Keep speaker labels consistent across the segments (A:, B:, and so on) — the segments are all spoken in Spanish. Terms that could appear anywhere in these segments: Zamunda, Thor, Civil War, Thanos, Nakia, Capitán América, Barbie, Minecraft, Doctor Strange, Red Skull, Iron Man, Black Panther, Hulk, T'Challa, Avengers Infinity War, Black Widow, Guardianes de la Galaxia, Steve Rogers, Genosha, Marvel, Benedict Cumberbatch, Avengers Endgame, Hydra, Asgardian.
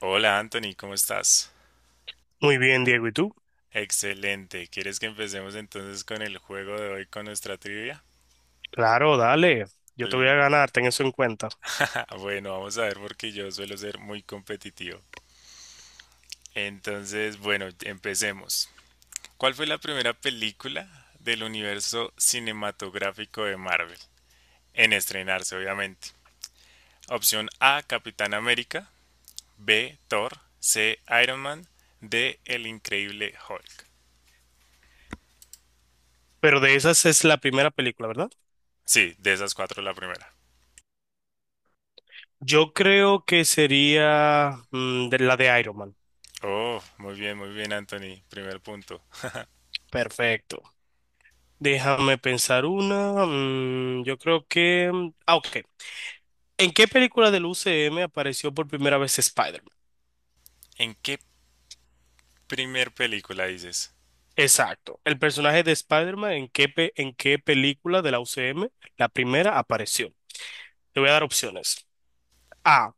A: Hola Anthony, ¿cómo estás?
B: Muy bien, Diego, ¿y tú?
A: Excelente. ¿Quieres que empecemos entonces con el juego de hoy con nuestra trivia?
B: Claro, dale. Yo te voy
A: L-
B: a ganar, ten eso en cuenta.
A: Bueno, vamos a ver porque yo suelo ser muy competitivo. Entonces, bueno, empecemos. ¿Cuál fue la primera película del universo cinematográfico de Marvel? En estrenarse, obviamente. Opción A, Capitán América. B, Thor. C, Iron Man. D, El Increíble Hulk.
B: Pero de esas es la primera película, ¿verdad?
A: Sí, de esas cuatro la primera.
B: Yo creo que sería de la de Iron Man.
A: Oh, muy bien, Anthony. Primer punto.
B: Perfecto. Déjame pensar una. Yo creo que, ah, ok. ¿En qué película del UCM apareció por primera vez Spider-Man?
A: ¿En qué primer película dices?
B: Exacto. El personaje de Spider-Man, ¿en qué película de la UCM la primera apareció? Te voy a dar opciones. A,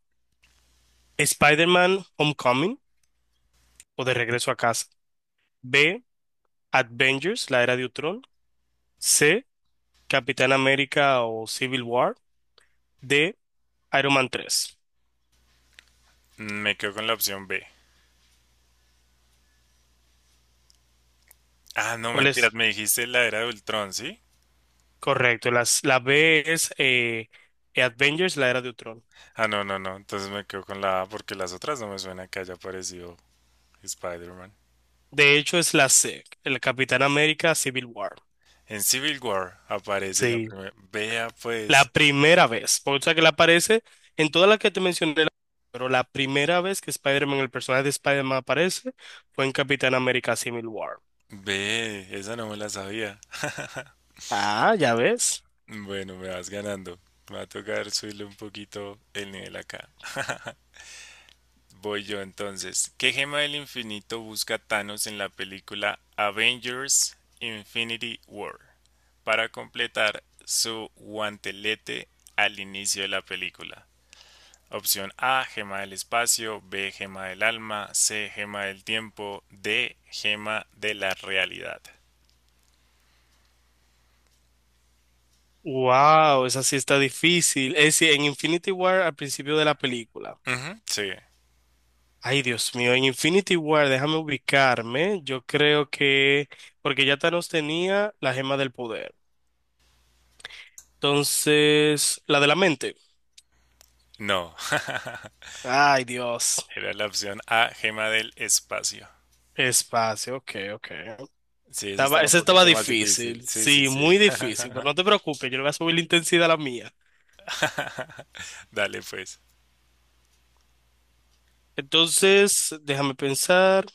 B: Spider-Man Homecoming o De Regreso a Casa. B, Avengers, la era de Ultron. C, Capitán América o Civil War. D, Iron Man 3.
A: Me quedo con la opción B. Ah, no,
B: ¿Cuál
A: mentiras,
B: es?
A: me dijiste la era de Ultron, ¿sí?
B: Correcto. La B es Avengers, la era de Ultron.
A: Ah, no, no, no. Entonces me quedo con la A porque las otras no me suena que haya aparecido Spider-Man.
B: De hecho, es la C. El Capitán América Civil War.
A: En Civil War aparece la
B: Sí.
A: primera. Vea, pues.
B: La primera vez. Por sea que la aparece en todas las que te mencioné. Pero la primera vez que Spider-Man, el personaje de Spider-Man aparece, fue en Capitán América Civil War.
A: Ve, esa no me la sabía.
B: Ah, ya ves.
A: Bueno, me vas ganando. Me va a tocar subirle un poquito el nivel acá. Voy yo entonces. ¿Qué gema del infinito busca Thanos en la película Avengers Infinity War para completar su guantelete al inicio de la película? Opción A, gema del espacio, B, gema del alma, C, gema del tiempo, D, gema de la realidad.
B: Wow, esa sí está difícil. Es decir, en Infinity War al principio de la película.
A: Ujú, sí,
B: Ay, Dios mío, en Infinity War, déjame ubicarme. Yo creo que, porque ya Thanos tenía la gema del poder. Entonces, la de la mente.
A: no.
B: Ay, Dios.
A: Era la opción A, gema del espacio.
B: Espacio, ok, ok.
A: Sí, esa
B: Estaba,
A: estaba un
B: esa estaba
A: poquito más difícil.
B: difícil.
A: Sí, sí,
B: Sí,
A: sí.
B: muy difícil, pero no te preocupes, yo le voy a subir la intensidad a la mía.
A: Dale pues.
B: Entonces, déjame pensar.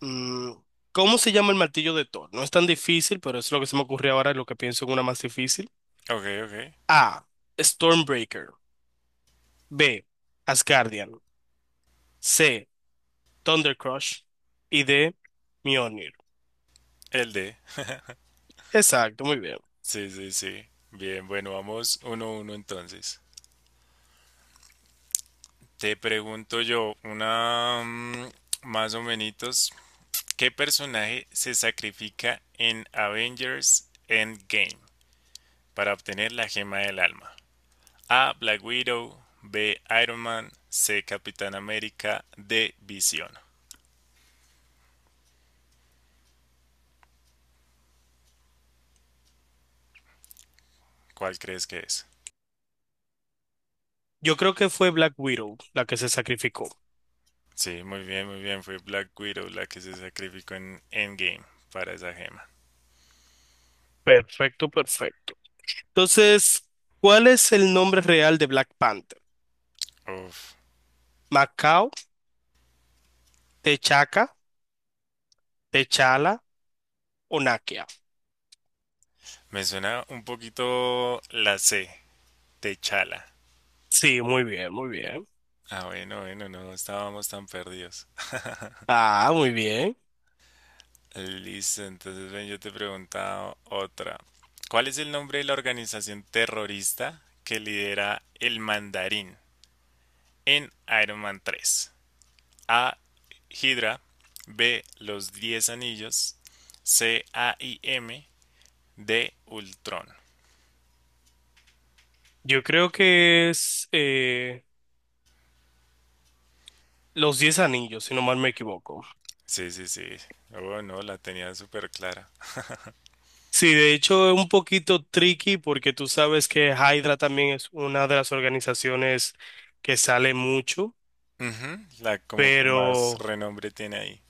B: Mm, ¿Cómo se llama el martillo de Thor? No es tan difícil, pero es lo que se me ocurrió ahora, lo que pienso en una más difícil.
A: Ok, ok.
B: A, Stormbreaker. B, Asgardian. C, Thundercrush. Y D, Mjolnir.
A: El D.
B: Exacto, muy bien.
A: Sí, sí, sí. Bien, bueno, vamos uno a uno entonces. Te pregunto yo, una, más o menos, ¿qué personaje se sacrifica en Avengers Endgame para obtener la gema del alma? A. Black Widow, B. Iron Man, C. Capitán América, D. Visión. ¿Cuál crees que es?
B: Yo creo que fue Black Widow la que se sacrificó.
A: Sí, muy bien, muy bien. Fue Black Widow la que se sacrificó en Endgame para esa gema.
B: Perfecto, perfecto. Entonces, ¿cuál es el nombre real de Black Panther?
A: Uf.
B: ¿Macao, T'Chaka, T'Challa o Nakia?
A: Me suena un poquito la C, Techala.
B: Sí, muy bien, muy bien.
A: Ah, bueno, bueno, no estábamos tan perdidos.
B: Ah, muy bien.
A: Listo, entonces ven, yo te preguntaba otra. ¿Cuál es el nombre de la organización terrorista que lidera el mandarín en Iron Man 3? A. Hydra. B. Los Diez Anillos. C. AIM. De Ultron.
B: Yo creo que es Los Diez Anillos, si no mal me equivoco.
A: Sí, sí, sí. Oh, no, la tenía súper clara.
B: Sí, de hecho es un poquito tricky porque tú sabes que Hydra también es una de las organizaciones que sale mucho,
A: Ujú, la como que más
B: pero
A: renombre tiene ahí.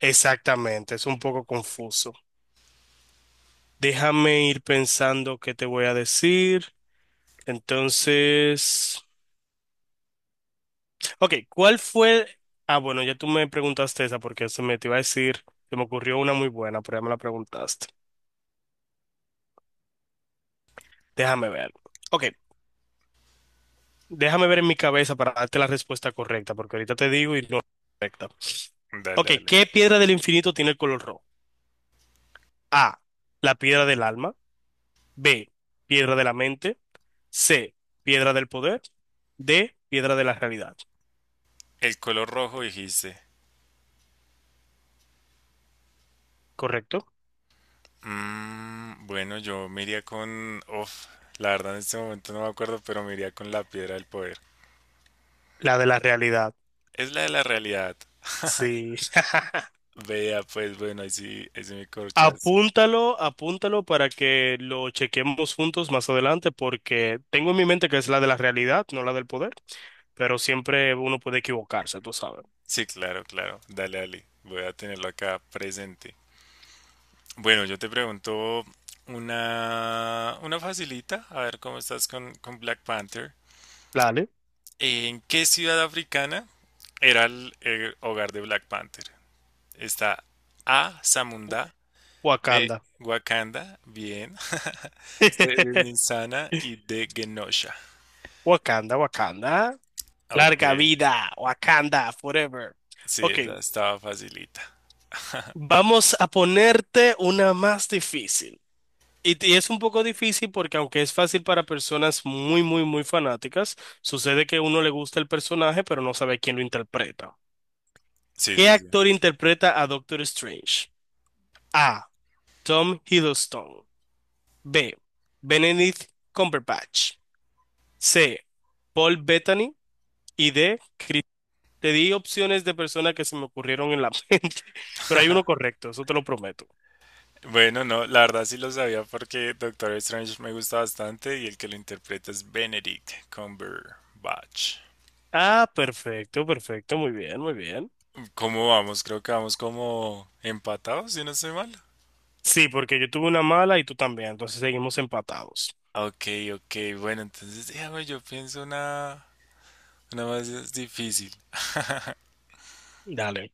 B: exactamente, es un poco confuso. Déjame ir pensando qué te voy a decir. Entonces, ok, ¿cuál fue? Ah, bueno, ya tú me preguntaste esa porque se me te iba a decir, se me ocurrió una muy buena, pero ya me la preguntaste. Déjame ver. Ok. Déjame ver en mi cabeza para darte la respuesta correcta, porque ahorita te digo y no es correcta.
A: Dale,
B: Ok,
A: dale.
B: ¿qué piedra del infinito tiene el color rojo? A, la piedra del alma. B, piedra de la mente. C, piedra del poder. D, piedra de la realidad.
A: El color rojo dijiste.
B: ¿Correcto?
A: Bueno, yo me iría con... Uf, la verdad en este momento no me acuerdo, pero me iría con la piedra del poder.
B: La de la realidad.
A: Es la de la realidad.
B: Sí.
A: Vea, pues bueno, ahí sí me corchaste.
B: Apúntalo, apúntalo para que lo chequemos juntos más adelante, porque tengo en mi mente que es la de la realidad, no la del poder, pero siempre uno puede equivocarse, tú sabes.
A: Sí, claro, claro. Dale, dale. Voy a tenerlo acá presente. Bueno, yo te pregunto una facilita, a ver cómo estás con Black Panther.
B: Dale,
A: ¿En qué ciudad africana era el hogar de Black Panther? Está A. Zamunda, B.
B: Wakanda.
A: Wakanda, bien, C. Ninsana y D. Genosha.
B: Wakanda, Wakanda.
A: Ok,
B: Larga vida, Wakanda, forever.
A: sí,
B: Ok,
A: esa estaba facilita.
B: vamos a ponerte una más difícil. Y es un poco difícil porque aunque es fácil para personas muy, muy, muy fanáticas, sucede que uno le gusta el personaje, pero no sabe quién lo interpreta.
A: Sí,
B: ¿Qué
A: sí, sí.
B: actor interpreta a Doctor Strange? A, Tom Hiddleston. B, Benedict Cumberbatch. C, Paul Bettany. Y D, te di opciones de personas que se me ocurrieron en la mente, pero hay uno correcto, eso te lo prometo.
A: Bueno, no, la verdad sí lo sabía porque Doctor Strange me gusta bastante y el que lo interpreta es Benedict Cumberbatch.
B: Ah, perfecto, perfecto, muy bien, muy bien.
A: ¿Cómo vamos? Creo que vamos como empatados, si no estoy mal.
B: Sí, porque yo tuve una mala y tú también, entonces seguimos empatados.
A: Ah, ok, ok, bueno, entonces déjame, yo pienso una más difícil.
B: Dale.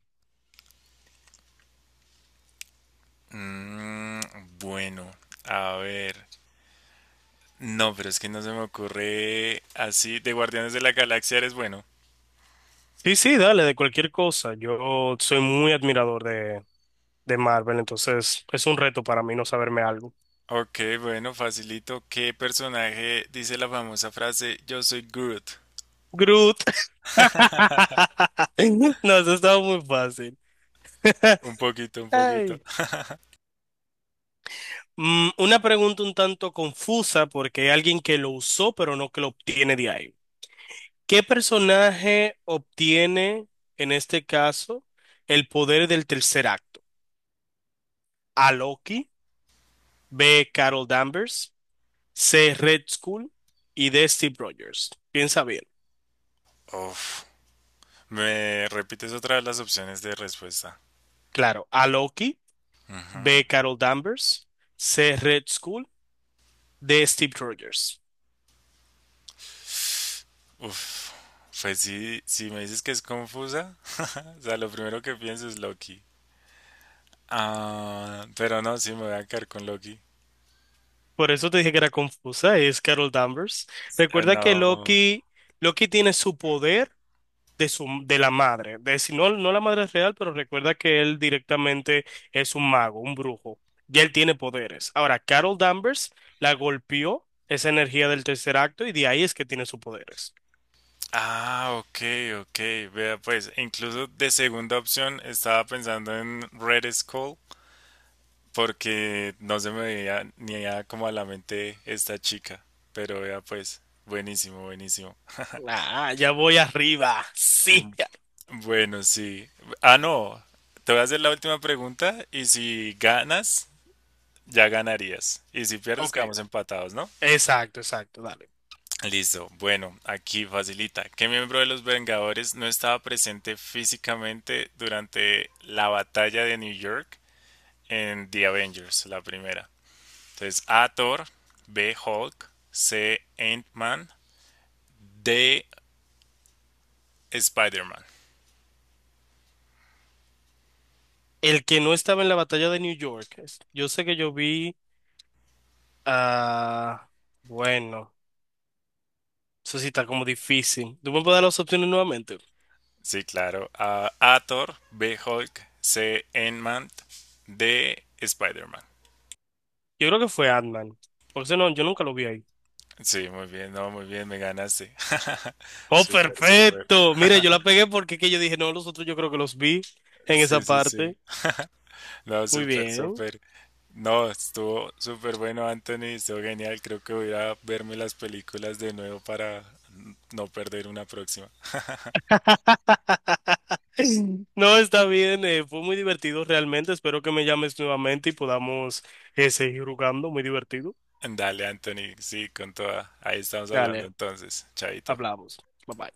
A: Mm, bueno, a ver. No, pero es que no se me ocurre así. De Guardianes de la Galaxia eres bueno.
B: Sí, sí, dale, de cualquier cosa. Yo soy muy admirador de Marvel, entonces es un reto para mí no saberme algo.
A: Ok, bueno, facilito. ¿Qué personaje dice la famosa frase Yo soy Groot?
B: Groot. No, eso estaba muy fácil.
A: Un poquito, un poquito.
B: Ay. Mm, una pregunta un tanto confusa porque hay alguien que lo usó, pero no que lo obtiene de ahí. ¿Qué personaje obtiene, en este caso, el poder del tercer acto? A, Loki. B, Carol Danvers. C, Red Skull. Y D, Steve Rogers. Piensa bien.
A: Uf. ¿Me repites otra vez las opciones de respuesta?
B: Claro, A, Loki.
A: Ujú.
B: B, Carol Danvers. C, Red Skull. D, Steve Rogers.
A: Uf. Pues sí, si me dices que es confusa, o sea, lo primero que pienso es Loki. Ah, pero no, sí me voy a quedar con Loki.
B: Por eso te dije que era confusa, es Carol Danvers.
A: Ah,
B: Recuerda que
A: no.
B: Loki tiene su poder de su de la madre, de si no, no la madre real, pero recuerda que él directamente es un mago, un brujo, y él tiene poderes. Ahora, Carol Danvers la golpeó esa energía del tercer acto y de ahí es que tiene sus poderes.
A: Ah, ok, ok. Vea, pues incluso de segunda opción estaba pensando en Red Skull porque no se me veía ni a como a la mente esta chica. Pero vea, pues, buenísimo, buenísimo.
B: Ah, ya voy arriba.
A: Mm,
B: Sí.
A: Bueno, sí. Ah, no. Te voy a hacer la última pregunta y si ganas, ya ganarías. Y si pierdes,
B: Ok,
A: quedamos empatados, ¿no?
B: exacto, exacto, dale.
A: Listo. Bueno, aquí facilita. ¿Qué miembro de los Vengadores no estaba presente físicamente durante la batalla de New York en The Avengers, la primera? Entonces, A. Thor, B. Hulk, C. Ant-Man, D. Spider-Man.
B: El que no estaba en la batalla de New York yo sé que yo vi a... bueno, eso sí está como difícil. ¿Tú me puedes dar las opciones nuevamente?
A: Sí, claro. A. Thor, B. Hulk, C. Ant-Man, D. Spider-Man.
B: Yo creo que fue Ant-Man. Porque ese no, yo nunca lo vi ahí.
A: Sí, muy bien, no, muy bien, me ganaste.
B: ¡Oh,
A: Súper, súper.
B: perfecto! Mire, yo la pegué porque es que yo dije, no, los otros yo creo que los vi en
A: Sí,
B: esa
A: sí,
B: parte.
A: sí. No,
B: Muy
A: súper,
B: bien.
A: súper. No, estuvo súper bueno, Anthony, estuvo genial. Creo que voy a ir a verme las películas de nuevo para no perder una próxima.
B: No, está bien. Fue muy divertido realmente. Espero que me llames nuevamente y podamos seguir jugando. Muy divertido.
A: Dale, Anthony, sí, con toda. Ahí estamos hablando
B: Dale,
A: entonces. Chaito.
B: hablamos. Bye bye.